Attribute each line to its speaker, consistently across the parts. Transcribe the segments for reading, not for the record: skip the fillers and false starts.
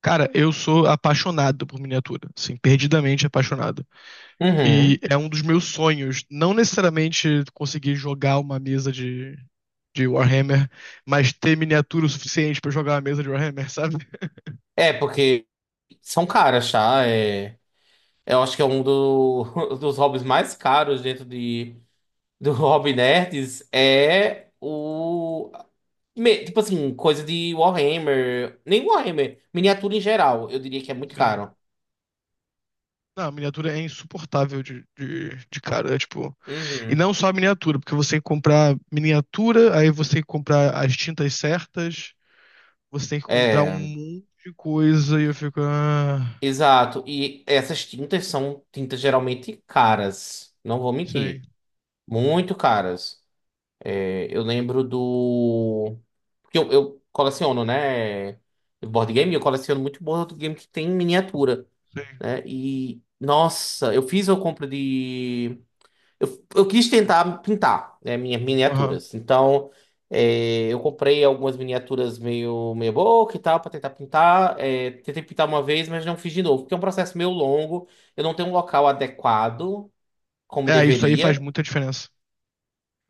Speaker 1: Cara, eu sou apaixonado por miniatura, assim, perdidamente apaixonado. E
Speaker 2: Uhum.
Speaker 1: é um dos meus sonhos, não necessariamente conseguir jogar uma mesa de, Warhammer, mas ter miniatura o suficiente pra jogar uma mesa de Warhammer, sabe?
Speaker 2: É, porque são caras, tá? É, eu acho que é dos hobbies mais caros dentro do Hobby Nerds. É o. Tipo assim, coisa de Warhammer. Nem Warhammer, miniatura em geral. Eu diria que é muito
Speaker 1: Sim.
Speaker 2: caro.
Speaker 1: Não, a miniatura é insuportável de cara, é tipo. E não
Speaker 2: Uhum.
Speaker 1: só a miniatura, porque você tem que comprar miniatura, aí você tem que comprar as tintas certas, você tem que comprar um
Speaker 2: É,
Speaker 1: monte de coisa, e eu fico. Ah,
Speaker 2: exato. E essas tintas são tintas geralmente caras. Não vou
Speaker 1: sim,
Speaker 2: mentir. Muito caras. É, eu lembro do. Porque eu coleciono, né? Board game, eu coleciono muito board game que tem miniatura,
Speaker 1: sim.
Speaker 2: né? E, nossa, eu fiz uma compra de. Eu quis tentar pintar, né, minhas
Speaker 1: Aham.
Speaker 2: miniaturas. Então, eu comprei algumas miniaturas meio meia boca e tal, para tentar pintar. É, tentei pintar uma vez, mas não fiz de novo, porque é um processo meio longo. Eu não tenho um local adequado, como
Speaker 1: É, isso aí faz
Speaker 2: deveria.
Speaker 1: muita diferença.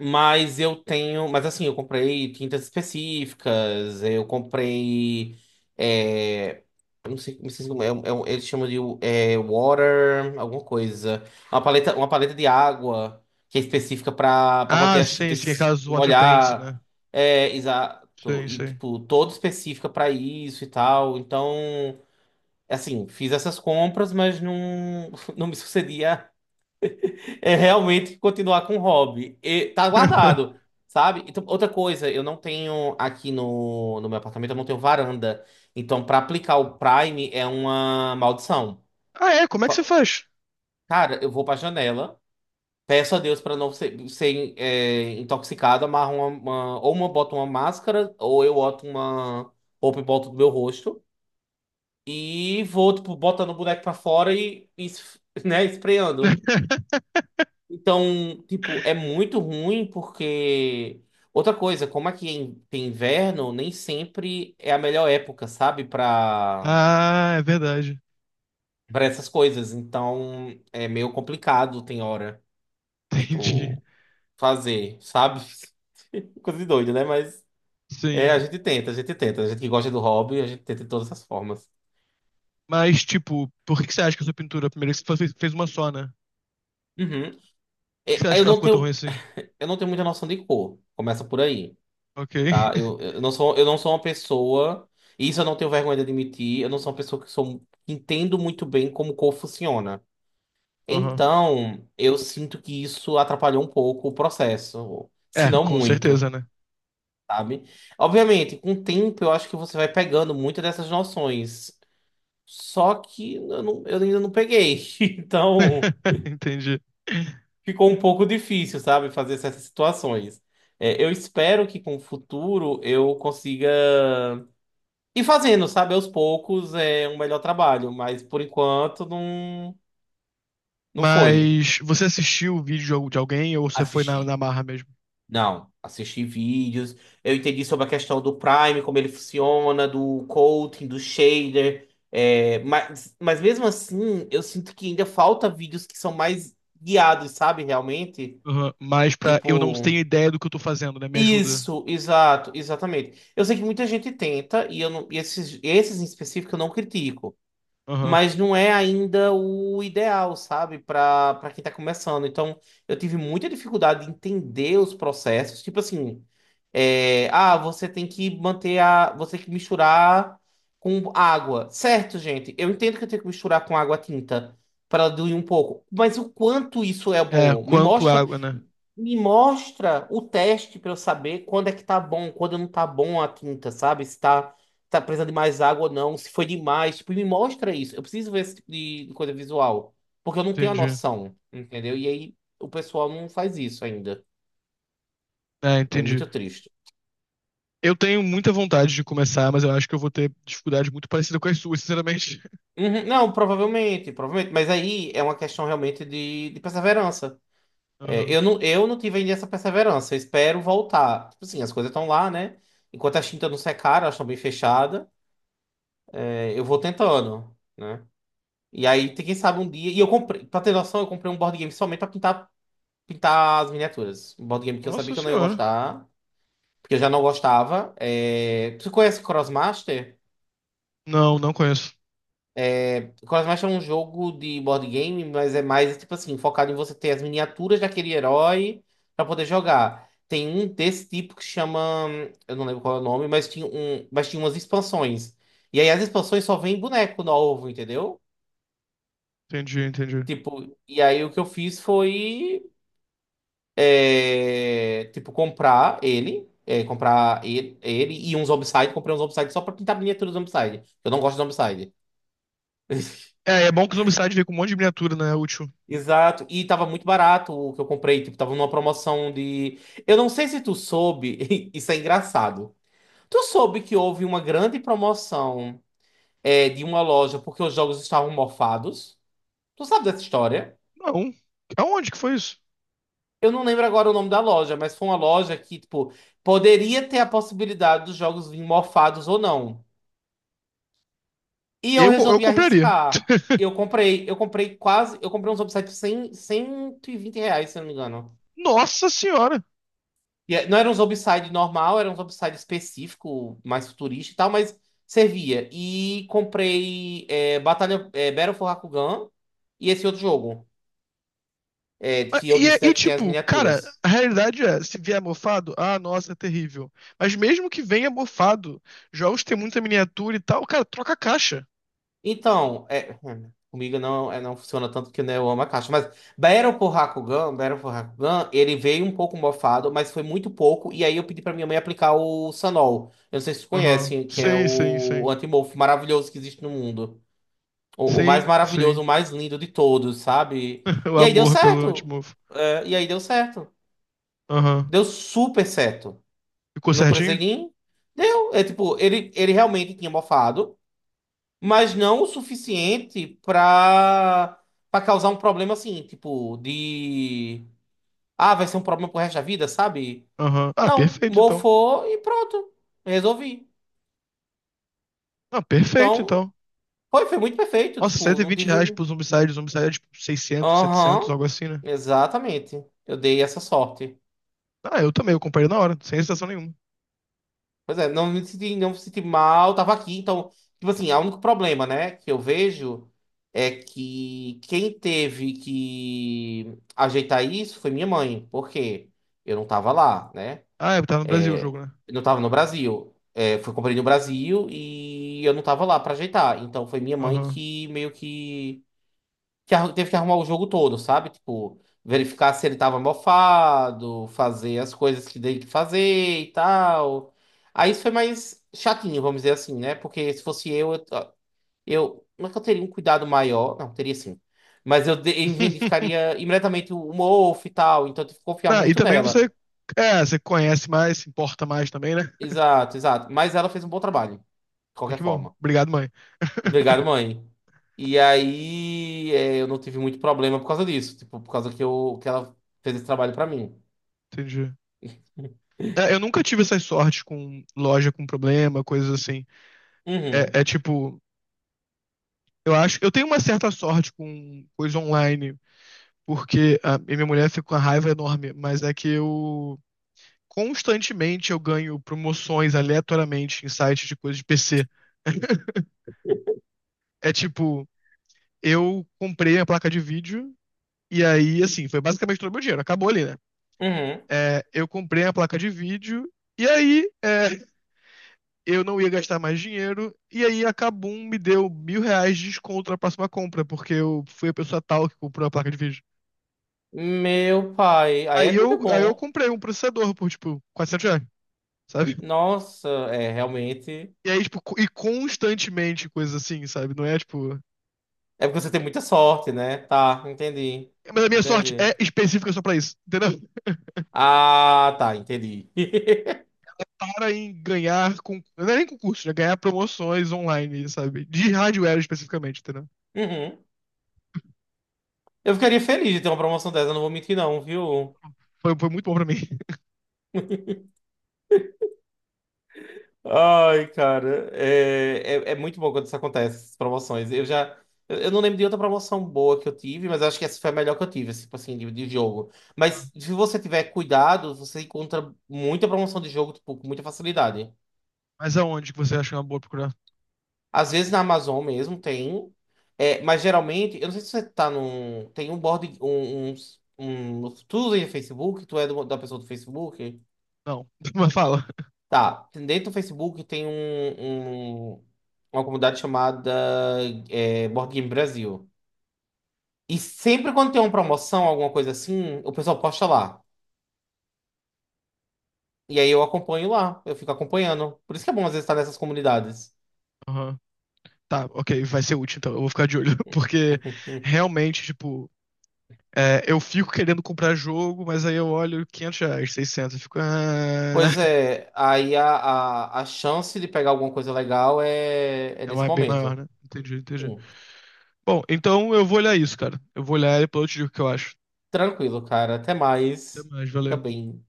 Speaker 2: Mas eu tenho. Mas assim, eu comprei tintas específicas, eu comprei. É, eu não sei, não sei como é, eles chamam de water, alguma coisa. Uma paleta de água que é específica para manter
Speaker 1: Ah,
Speaker 2: as
Speaker 1: sim, sim,
Speaker 2: tintas
Speaker 1: aquelas water paints,
Speaker 2: molhar.
Speaker 1: né?
Speaker 2: É, exato.
Speaker 1: Sim,
Speaker 2: E,
Speaker 1: sim.
Speaker 2: tipo, toda específica para isso e tal. Então, assim, fiz essas compras, mas não, não me sucedia realmente continuar com o hobby. E tá guardado, sabe? Então, outra coisa, eu não tenho aqui no meu apartamento, eu não tenho varanda. Então, pra aplicar o Prime é uma maldição.
Speaker 1: Ah, é? Como é que você
Speaker 2: Pa-
Speaker 1: faz?
Speaker 2: Cara, eu vou pra janela, peço a Deus pra não ser intoxicado, amarro ou uma boto uma máscara, ou eu boto uma roupa e boto do meu rosto. E vou, tipo, botando o boneco pra fora e né, esfreando. Então, tipo, é muito ruim porque. Outra coisa, como aqui é tem inverno, nem sempre é a melhor época, sabe? Pra,
Speaker 1: Ah, é verdade.
Speaker 2: pra essas coisas. Então, é meio complicado, tem hora,
Speaker 1: Entendi.
Speaker 2: tipo, fazer, sabe? Coisa de doido, né? Mas a
Speaker 1: Sim.
Speaker 2: gente tenta, a gente tenta. A gente que gosta do hobby, a gente tenta de todas as formas.
Speaker 1: Mas, tipo, por que que você acha que a sua pintura, primeiro, que você fez uma só, né?
Speaker 2: Uhum.
Speaker 1: Por que você
Speaker 2: É,
Speaker 1: acha
Speaker 2: eu
Speaker 1: que ela
Speaker 2: não
Speaker 1: ficou tão ruim
Speaker 2: tenho,
Speaker 1: assim?
Speaker 2: eu não tenho muita noção de cor. Começa por aí.
Speaker 1: Ok.
Speaker 2: Tá? Eu, eu não sou, eu não sou uma pessoa, e isso eu não tenho vergonha de admitir, eu não sou uma pessoa que entendo muito bem como o corpo funciona.
Speaker 1: Aham.
Speaker 2: Então, eu sinto que isso atrapalhou um pouco o processo, se
Speaker 1: É,
Speaker 2: não
Speaker 1: com certeza,
Speaker 2: muito,
Speaker 1: né?
Speaker 2: sabe? Obviamente, com o tempo eu acho que você vai pegando muitas dessas noções. Só que eu ainda não peguei. Então,
Speaker 1: Entendi.
Speaker 2: ficou um pouco difícil, sabe, fazer essas situações. É, eu espero que com o futuro eu consiga. E fazendo, sabe, aos poucos é um melhor trabalho, mas por enquanto não, não foi
Speaker 1: Mas você assistiu o vídeo de alguém ou você foi na
Speaker 2: assistir.
Speaker 1: marra mesmo?
Speaker 2: Não, assisti vídeos, eu entendi sobre a questão do Prime, como ele funciona, do coating, do shader, mas mesmo assim eu sinto que ainda falta vídeos que são mais guiados, sabe, realmente?
Speaker 1: Aham. Mas pra eu não
Speaker 2: Tipo,
Speaker 1: tenho ideia do que eu tô fazendo, né? Me ajuda.
Speaker 2: isso, exato, exatamente. Eu sei que muita gente tenta, e, eu não, e esses em específico eu não critico.
Speaker 1: Aham.
Speaker 2: Mas não é ainda o ideal, sabe, para quem tá começando. Então, eu tive muita dificuldade de entender os processos, tipo assim, você tem que você tem que misturar com água. Certo, gente, eu entendo que eu tenho que misturar com água tinta para ela diluir um pouco, mas o quanto isso é
Speaker 1: É,
Speaker 2: bom? Me
Speaker 1: quanto
Speaker 2: mostra,
Speaker 1: água, né?
Speaker 2: me mostra o teste para eu saber quando é que tá bom, quando não tá bom a tinta, sabe? Se tá tá precisando de mais água ou não, se foi demais. Tipo, me mostra isso. Eu preciso ver esse tipo de coisa visual. Porque eu não tenho a
Speaker 1: Entendi.
Speaker 2: noção, entendeu? E aí o pessoal não faz isso ainda.
Speaker 1: É,
Speaker 2: É
Speaker 1: entendi.
Speaker 2: muito triste.
Speaker 1: Eu tenho muita vontade de começar, mas eu acho que eu vou ter dificuldade muito parecida com as suas, sinceramente.
Speaker 2: Uhum, não, provavelmente, provavelmente. Mas aí é uma questão realmente de perseverança. É,
Speaker 1: Aham.
Speaker 2: eu não tive ainda essa perseverança. Eu espero voltar. Tipo assim, as coisas estão lá, né? Enquanto as tintas não secaram, elas estão bem fechadas. Eu vou tentando, né? E aí, quem sabe um dia. E eu comprei, pra ter noção, eu comprei um board game somente pra pintar as miniaturas. Um board game que eu sabia
Speaker 1: Nossa
Speaker 2: que eu não ia
Speaker 1: senhora.
Speaker 2: gostar, porque eu já não gostava. Tu conhece Crossmaster?
Speaker 1: Não, não conheço.
Speaker 2: Crossmaster é um jogo de board game, mas é mais tipo assim, focado em você ter as miniaturas daquele herói pra poder jogar. Tem um desse tipo que chama, eu não lembro qual é o nome, mas tinha um, mas tinha umas expansões. E aí as expansões só vêm boneco novo, entendeu?
Speaker 1: Entendi, entendi.
Speaker 2: Tipo, e aí o que eu fiz foi tipo, comprar ele e uns Zombicide. Comprei uns Zombicide só pra pintar a miniatura do Zombicide. Eu não gosto de Zombicide.
Speaker 1: É, é bom que o Zombicide vem com um monte de miniatura, né? É útil.
Speaker 2: Exato, e tava muito barato o que eu comprei, tipo, tava numa promoção de... Eu não sei se tu soube, isso é engraçado. Tu soube que houve uma grande promoção de uma loja porque os jogos estavam mofados? Tu sabe dessa história?
Speaker 1: Não. Aonde que foi isso?
Speaker 2: Eu não lembro agora o nome da loja, mas foi uma loja que, tipo, poderia ter a possibilidade dos jogos virem mofados ou não. E eu
Speaker 1: Eu
Speaker 2: resolvi
Speaker 1: compraria.
Speaker 2: arriscar. Eu comprei um Zombicide R$ 120, se eu não me engano.
Speaker 1: Nossa senhora!
Speaker 2: E não era um Zombicide normal, era um Zombicide específico, mais futurista e tal, mas servia. E comprei Battle for Rakugan e esse outro jogo,
Speaker 1: Ah,
Speaker 2: que eu
Speaker 1: E, é-
Speaker 2: disse,
Speaker 1: e,
Speaker 2: né, que tem as
Speaker 1: tipo, cara,
Speaker 2: miniaturas.
Speaker 1: a realidade é, se vier mofado, ah, nossa, é terrível. Mas mesmo que venha mofado, jogos tem muita miniatura e tal, cara, troca a caixa.
Speaker 2: Então, comigo não, não funciona tanto que né, eu amo a caixa. Mas Battle for Hakugan, ele veio um pouco mofado, mas foi muito pouco. E aí eu pedi pra minha mãe aplicar o Sanol. Eu não sei se vocês
Speaker 1: Aham.
Speaker 2: conhecem, que é
Speaker 1: Sim, sim,
Speaker 2: o,
Speaker 1: sim.
Speaker 2: o antimorfo maravilhoso que existe no mundo. O mais
Speaker 1: Sim,
Speaker 2: maravilhoso,
Speaker 1: sim.
Speaker 2: o mais lindo de todos, sabe?
Speaker 1: O
Speaker 2: E aí deu
Speaker 1: amor pelo
Speaker 2: certo.
Speaker 1: antimofo.
Speaker 2: É, e aí deu certo.
Speaker 1: Aham.
Speaker 2: Deu super certo.
Speaker 1: Ficou
Speaker 2: Eu não precisei
Speaker 1: certinho?
Speaker 2: nem. Deu. É tipo, ele realmente tinha mofado mas não o suficiente pra, causar um problema assim, tipo, de. Ah, vai ser um problema pro resto da vida, sabe?
Speaker 1: Aham. Ah,
Speaker 2: Não,
Speaker 1: perfeito então.
Speaker 2: mofou e pronto. Resolvi.
Speaker 1: Ah, perfeito
Speaker 2: Então,
Speaker 1: então.
Speaker 2: foi muito perfeito.
Speaker 1: Nossa, cento
Speaker 2: Tipo,
Speaker 1: e
Speaker 2: não
Speaker 1: vinte reais
Speaker 2: tive.
Speaker 1: pro Zombicide, Zombicide é tipo 600, 700,
Speaker 2: Aham,
Speaker 1: algo assim, né?
Speaker 2: exatamente. Eu dei essa sorte.
Speaker 1: Ah, eu também, eu comprei na hora, sem hesitação nenhuma.
Speaker 2: Pois é, não me senti mal, tava aqui, então, tipo assim, o único problema, né, que eu vejo é que quem teve que ajeitar isso foi minha mãe, porque eu não tava lá, né?
Speaker 1: Ah, é, tá no Brasil o jogo, né?
Speaker 2: Eu não tava no Brasil. É, fui comprei no Brasil e eu não tava lá pra ajeitar. Então foi minha mãe
Speaker 1: Aham.
Speaker 2: que meio teve que arrumar o jogo todo, sabe? Tipo, verificar se ele tava mofado, fazer as coisas que tem que fazer e tal. Aí isso foi mais chatinho, vamos dizer assim, né? Porque se fosse eu, não é que eu teria um cuidado maior, não, teria sim. Mas eu identificaria imediatamente o mofo e tal, então eu tive que confiar
Speaker 1: Ah, e
Speaker 2: muito
Speaker 1: também você.
Speaker 2: nela.
Speaker 1: É, você conhece mais, se importa mais também, né?
Speaker 2: Exato, exato. Mas ela fez um bom trabalho, de
Speaker 1: É
Speaker 2: qualquer
Speaker 1: que bom.
Speaker 2: forma.
Speaker 1: Obrigado, mãe.
Speaker 2: Obrigado, mãe. E aí, eu não tive muito problema por causa disso, tipo, por causa que, que ela fez esse trabalho pra mim.
Speaker 1: Entendi. É, eu nunca tive essas sortes com loja com problema, coisas assim. É,
Speaker 2: Uhum,
Speaker 1: é tipo, eu acho. Eu tenho uma certa sorte com coisa online, porque e minha mulher fica com uma raiva enorme, mas é que eu. Constantemente eu ganho promoções aleatoriamente em sites de coisas de PC. É tipo, eu comprei a placa de vídeo. E aí, assim, foi basicamente todo o meu dinheiro. Acabou ali, né?
Speaker 2: uhum.
Speaker 1: É, eu comprei a placa de vídeo. E aí, é, eu não ia gastar mais dinheiro. E aí, a Kabum me deu R$ 1.000 de desconto na próxima compra, porque eu fui a pessoa tal que comprou a placa de vídeo.
Speaker 2: Meu pai, aí é
Speaker 1: Aí eu,
Speaker 2: muito
Speaker 1: aí eu
Speaker 2: bom.
Speaker 1: comprei um processador por, tipo, R$ 400, sabe?
Speaker 2: Nossa, é realmente.
Speaker 1: E aí, tipo, e constantemente coisas assim, sabe? Não é, tipo...
Speaker 2: É porque você tem muita sorte, né? Tá, entendi.
Speaker 1: Mas a minha sorte
Speaker 2: Entendi.
Speaker 1: é específica só pra isso, entendeu?
Speaker 2: Ah, tá, entendi.
Speaker 1: Para em ganhar, não é nem concurso, é ganhar promoções online, sabe? De hardware especificamente, entendeu?
Speaker 2: Uhum. Eu ficaria feliz de ter uma promoção dessa, não vou mentir, não, viu?
Speaker 1: Foi muito bom pra mim.
Speaker 2: Ai, cara, é muito bom quando isso acontece, essas promoções. Eu já. Eu não lembro de outra promoção boa que eu tive, mas acho que essa foi a melhor que eu tive, assim, tipo assim, de jogo. Mas se você tiver cuidado, você encontra muita promoção de jogo, tipo, com muita facilidade.
Speaker 1: Mas aonde que você acha uma boa procurar?
Speaker 2: Às vezes na Amazon mesmo tem, mas geralmente, eu não sei se você tá num. Tem um board. Tu usa Facebook, tu é da pessoa do Facebook.
Speaker 1: Não, mas fala.
Speaker 2: Tá, dentro do Facebook tem um, uma comunidade chamada Board Game Brasil. E sempre quando tem uma promoção, alguma coisa assim, o pessoal posta lá. E aí eu acompanho lá, eu fico acompanhando. Por isso que é bom às vezes estar nessas comunidades.
Speaker 1: Aham. Tá, ok, vai ser útil então, eu vou ficar de olho. Porque realmente, tipo, é, eu fico querendo comprar jogo, mas aí eu olho R$ 500, 600, eu fico. "Ah,
Speaker 2: Pois é, aí a chance de pegar alguma coisa legal é
Speaker 1: é
Speaker 2: nesse
Speaker 1: mais, bem maior,
Speaker 2: momento.
Speaker 1: né? Entendi, entendi.
Speaker 2: Sim,
Speaker 1: Bom, então eu vou olhar isso, cara. Eu vou olhar e depois eu te digo o que eu acho.
Speaker 2: tranquilo, cara. Até
Speaker 1: Até
Speaker 2: mais.
Speaker 1: mais, valeu.
Speaker 2: Também.